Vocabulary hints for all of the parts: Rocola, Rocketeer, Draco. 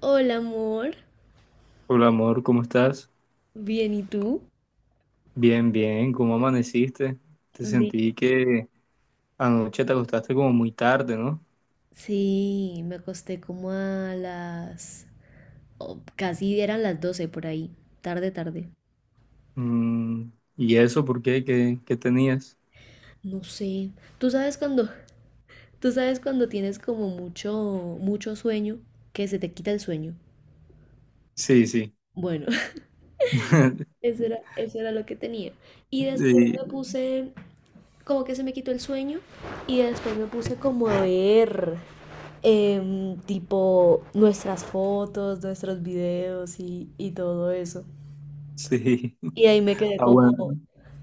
Hola, amor. Hola amor, ¿cómo estás? Bien, ¿y tú? Bien, bien, ¿cómo amaneciste? Te Bien. sentí que anoche te acostaste como muy tarde, ¿no? Sí, me acosté como a las... o casi eran las 12 por ahí. Tarde, tarde. Mm, ¿Y eso por qué? ¿Qué tenías? No sé. Tú sabes cuando... Tú sabes cuando tienes como mucho sueño, que se te quita el sueño. Sí, sí, Bueno, eso era lo que tenía. Y después sí, me puse... Como que se me quitó el sueño. Y después me puse como a ver. Tipo nuestras fotos, nuestros videos y todo eso. sí. Y Ah, bueno.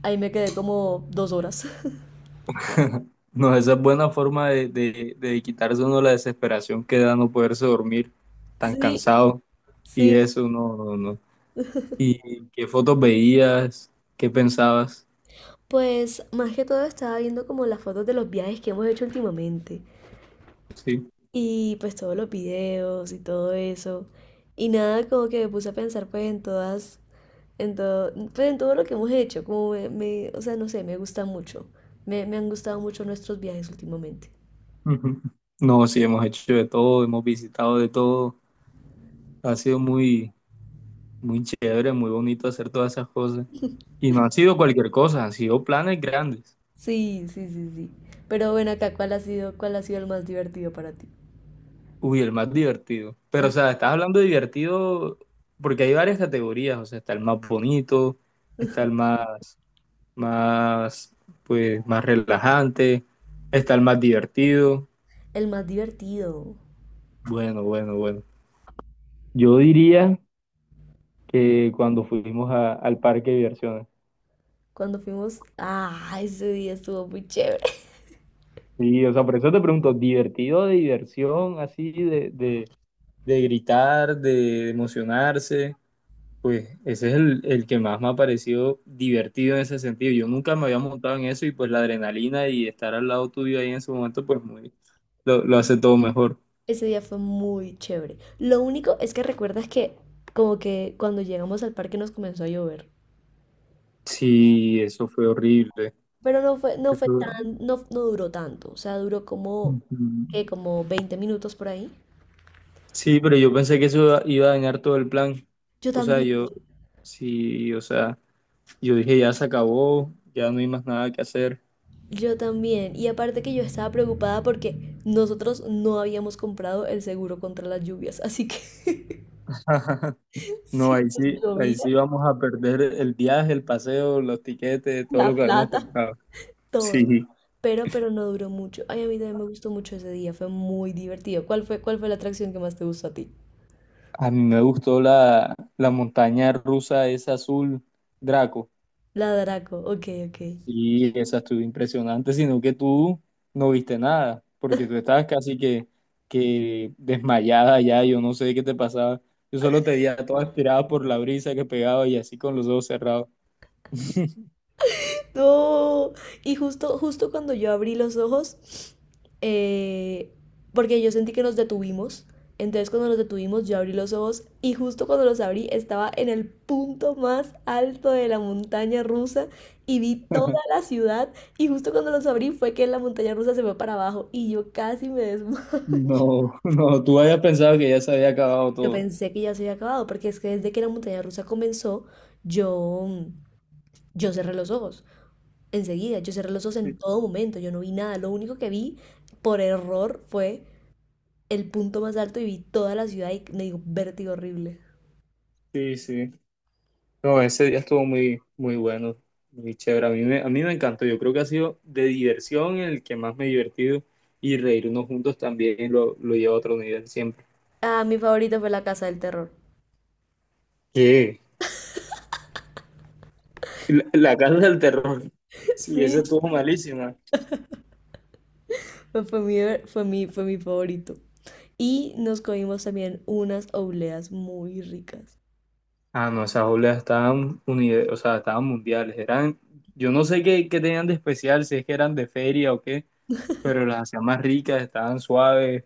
ahí me quedé como 2 horas. No, esa es buena forma de quitarse uno la desesperación que da no poderse dormir tan Sí, cansado y sí. eso, no, no, no. ¿Y qué fotos veías? ¿Qué pensabas? Pues más que todo estaba viendo como las fotos de los viajes que hemos hecho últimamente. Sí. Y pues todos los videos y todo eso. Y nada, como que me puse a pensar en todo, pues en todo lo que hemos hecho. Como o sea, no sé, me gusta mucho. Me han gustado mucho nuestros viajes últimamente. Ujú. No, sí, hemos hecho de todo, hemos visitado de todo. Ha sido muy, muy chévere, muy bonito hacer todas esas cosas. Y no han sido cualquier cosa, han sido planes grandes. Sí, sí, sí, sí. Pero bueno, acá, ¿cuál ha sido el más divertido para ti? Uy, el más divertido. Pero, Ah, o sea, estás hablando de divertido porque hay varias categorías. O sea, está el más bonito, está el más, más, pues, más relajante, está el más divertido. el más divertido. Bueno, bueno, bueno. Yo diría que cuando fuimos al parque de diversiones. Cuando fuimos, ah, ese día estuvo muy chévere. Sí, o sea, por eso te pregunto, ¿divertido de diversión así de gritar, de emocionarse, pues ese es el que más me ha parecido divertido en ese sentido. Yo nunca me había montado en eso y pues la adrenalina y estar al lado tuyo ahí en ese momento, pues muy, lo hace todo mejor. Ese día fue muy chévere. Lo único es que recuerdas que como que cuando llegamos al parque nos comenzó a llover. Sí, eso fue horrible. Pero no fue Eso- tan, no, no duró tanto. O sea, duró como, Ujú. ¿qué? Como 20 minutos por ahí. Sí, pero yo pensé que eso iba a dañar todo el plan. Yo O sea, también. yo, sí, o sea, yo dije ya se acabó, ya no hay más nada que hacer. Yo también. Y aparte que yo estaba preocupada porque nosotros no habíamos comprado el seguro contra las lluvias. Así que No, si nos ahí llovía, sí vamos a perder el viaje, el paseo, los tiquetes, todo lo la que habíamos plata, comprado. todo. Sí. Pero no duró mucho. Ay, a mí también me gustó mucho ese día. Fue muy divertido. ¿Cuál fue la atracción que más te gustó a ti? A mí me gustó la montaña rusa, esa azul, Draco. La Draco. Ok, ok. Sí, esa estuvo impresionante, sino que tú no viste nada, porque tú estabas casi que desmayada ya, yo no sé qué te pasaba. Yo solo te veía toda estirada por la brisa que pegaba y así con los ojos cerrados. No. Y justo cuando yo abrí los ojos, eh, porque yo sentí que nos detuvimos. Entonces cuando nos detuvimos, yo abrí los ojos y justo cuando los abrí estaba en el punto más alto de la montaña rusa y vi toda la ciudad y justo cuando los abrí fue que la montaña rusa se fue para abajo y yo casi me desmayé. No, no, tú habías pensado que ya se había acabado Yo todo. pensé que ya se había acabado porque es que desde que la montaña rusa comenzó, yo, yo cerré los ojos. Enseguida, yo cerré los ojos en todo momento, yo no vi nada, lo único que vi por error fue el punto más alto y vi toda la ciudad y me dio vértigo horrible. Sí, sí. No, ese día estuvo muy, muy bueno, muy chévere. A mí me encantó. Yo creo que ha sido de diversión el que más me he divertido y reírnos juntos también lo lleva a otro nivel siempre. Ah, mi favorito fue la casa del terror. ¿Qué? La casa del terror. Sí, esa Sí. estuvo malísima. Fue mi favorito. Y nos comimos también unas obleas muy ricas. Ah, no, esas obras estaban, o sea, estaban mundiales. Eran, yo no sé qué tenían de especial, si es que eran de feria o qué, pero las hacían más ricas, estaban suaves,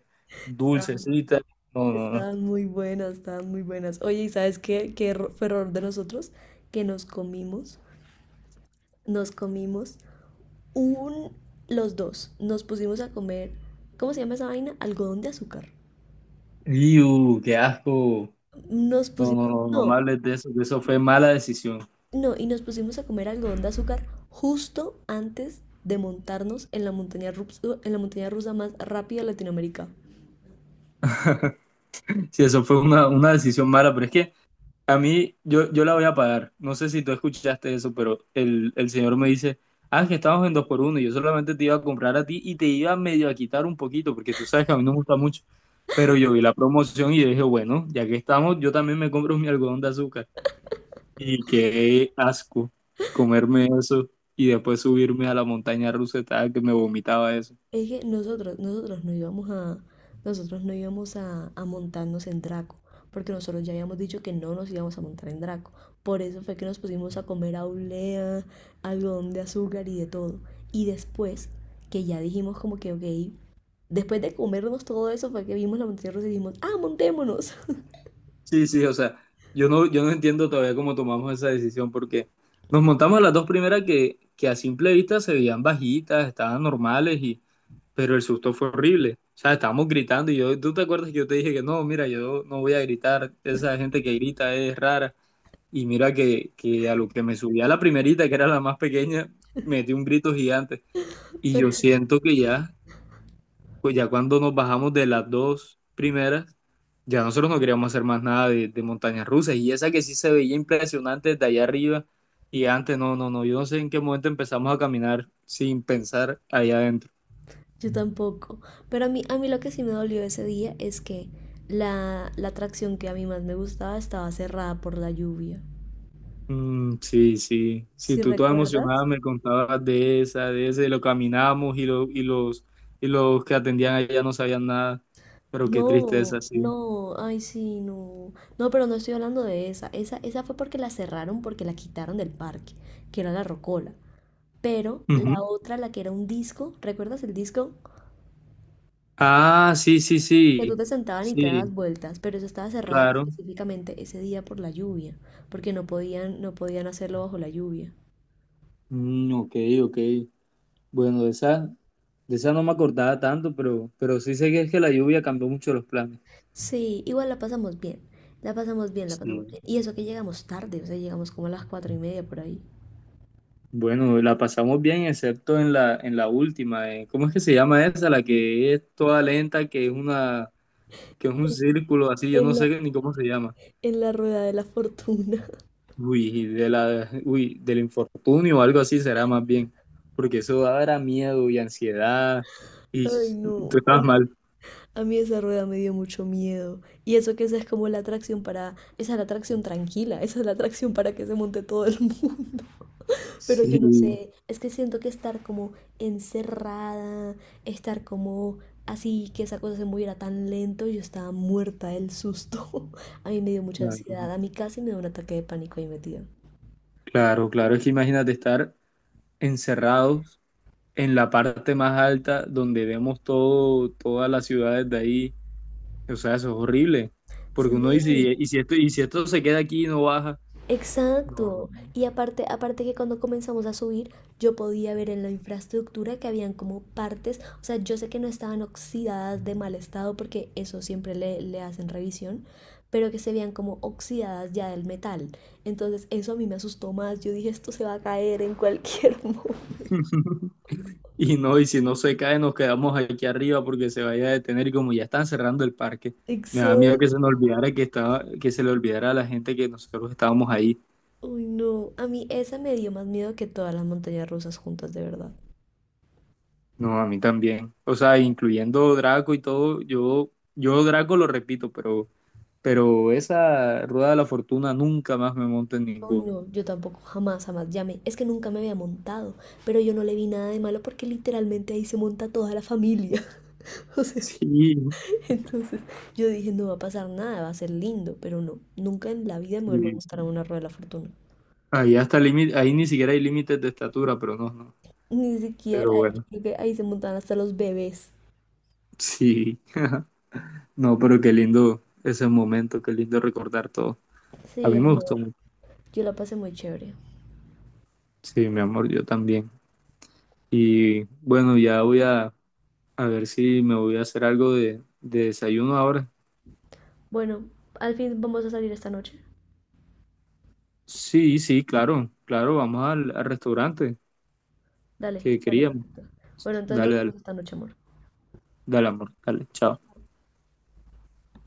Estaban, dulcecitas. No, no, no. estaban muy buenas, estaban muy buenas. Oye, ¿y sabes qué? ¿Fue error de nosotros? Que nos comimos, nos comimos un, los dos nos pusimos a comer, ¿cómo se llama esa vaina? Algodón de azúcar. ¡Iu, qué asco! Nos No, no, pusimos, no, no me no, hables de eso, que eso fue mala decisión. no, y nos pusimos a comer algodón de azúcar justo antes de montarnos en la montaña rusa, en la montaña rusa más rápida de Latinoamérica. Sí, eso fue una decisión mala, pero es que a mí, yo la voy a pagar. No sé si tú escuchaste eso, pero el señor me dice, ah, que estamos en dos por uno, y yo solamente te iba a comprar a ti y te iba medio a quitar un poquito, porque tú sabes que a mí no me gusta mucho. Pero yo vi la promoción y yo dije, bueno, ya que estamos, yo también me compro mi algodón de azúcar. Y qué asco comerme eso y después subirme a la montaña rusa, estaba que me vomitaba eso. Es que nosotros no íbamos a, nosotros no íbamos a montarnos en Draco, porque nosotros ya habíamos dicho que no nos íbamos a montar en Draco. Por eso fue que nos pusimos a comer aulea, algodón de azúcar y de todo. Y después, que ya dijimos como que, ok, después de comernos todo eso fue que vimos la montaña rusa y dijimos, ah, montémonos. Sí, sí, o sea, yo no, yo no entiendo todavía cómo tomamos esa decisión porque nos montamos a las dos primeras que a simple vista se veían bajitas, estaban normales y, pero el susto fue horrible. O sea, estábamos gritando y yo, ¿tú te acuerdas que yo te dije que no, mira, yo no voy a gritar, esa gente que grita es rara? Y mira que a lo que me subía la primerita, que era la más pequeña, metí un grito gigante. Y yo Pero siento que ya, pues ya cuando nos bajamos de las dos primeras, ya nosotros no queríamos hacer más nada de montañas rusas y esa que sí se veía impresionante desde allá arriba y antes no, no, no, yo no sé en qué momento empezamos a caminar sin pensar allá adentro. yo tampoco. Pero a mí lo que sí me dolió ese día es que la atracción que a mí más me gustaba estaba cerrada por la lluvia. Mm, sí, sí, sí, ¿Si tú toda recuerdas? emocionada me contabas de esa, de ese, lo caminamos y y los que atendían allá no sabían nada, pero qué No, tristeza, sí. no, ay sí, no. No, pero no estoy hablando de esa. Esa fue porque la cerraron, porque la quitaron del parque, que era la Rocola. Pero la Ujú. otra, la que era un disco, ¿recuerdas el disco? Ah, sí, sí, Que tú sí, te sentaban y te dabas sí, vueltas, pero esa estaba cerrada claro. específicamente ese día por la lluvia, porque no podían, no podían hacerlo bajo la lluvia. Mm, ok, ok. Bueno, de esa no me acordaba tanto, pero sí sé que es que la lluvia cambió mucho los planes. Sí, igual la pasamos bien, la pasamos bien, la pasamos Sí. bien. Y eso que llegamos tarde, o sea, llegamos como a las 4 y media por ahí. Bueno, la pasamos bien, excepto en la última. ¿Cómo es que se llama esa? La que es toda lenta, que es una, que es un círculo así, yo no En sé ni cómo se llama. en la rueda de la fortuna. Uy, de la, uy, del infortunio o algo así será más bien. Porque eso dará miedo y ansiedad. Y Ay, no. tú estabas mal. A mí esa rueda me dio mucho miedo. Y eso que esa es como la atracción para... Esa es la atracción tranquila, esa es la atracción para que se monte todo el mundo. Pero yo no Sí, sé, es que siento que estar como encerrada, estar como así, que esa cosa se moviera tan lento, yo estaba muerta del susto. A mí me dio mucha claro, ansiedad, a mí casi me dio un ataque de pánico ahí metida. claro, claro. Es que imagínate estar encerrado en la parte más alta donde vemos todo, todas las ciudades de ahí. O sea, eso es horrible. Porque uno Sí, dice, y si esto se queda aquí y no baja, no, no, exacto. no. Y aparte, aparte que cuando comenzamos a subir, yo podía ver en la infraestructura que habían como partes, o sea, yo sé que no estaban oxidadas de mal estado porque eso siempre le hacen revisión, pero que se veían como oxidadas ya del metal. Entonces eso a mí me asustó más. Yo dije, esto se va a caer en cualquier momento. Y no, y si no se cae, nos quedamos aquí arriba porque se vaya a detener. Y como ya están cerrando el parque, me da miedo que se Exacto. nos olvidara que estaba, que se le olvidara a la gente que nosotros estábamos ahí. Uy, no. A mí esa me dio más miedo que todas las montañas rusas juntas, de verdad. No, a mí también. O sea, incluyendo Draco y todo, yo Draco lo repito, pero esa rueda de la fortuna nunca más me monto en Oh, ninguna. no, yo tampoco, jamás, jamás llamé. Es que nunca me había montado, pero yo no le vi nada de malo porque literalmente ahí se monta toda la familia. O sea, Sí, entonces yo dije, no va a pasar nada, va a ser lindo, pero no, nunca en la vida me sí, vuelvo a sí. montar a una rueda de la fortuna. Ahí hasta límite, ahí ni siquiera hay límites de estatura, pero no, no. Ni siquiera, Pero yo bueno, creo que ahí se montan hasta los bebés. sí. No, pero qué lindo ese momento, qué lindo recordar todo. A Sí, mí me amor, gustó mucho. yo la pasé muy chévere. Sí, mi amor, yo también. Y bueno, ya voy a ver si me voy a hacer algo de desayuno ahora. Bueno, al fin vamos a salir esta noche. Sí, sí, claro, claro, vamos al, al restaurante Dale, que vale, queríamos. perfecto. Bueno, entonces Dale, nos dale, vemos esta noche, amor. dale, amor, dale, chao.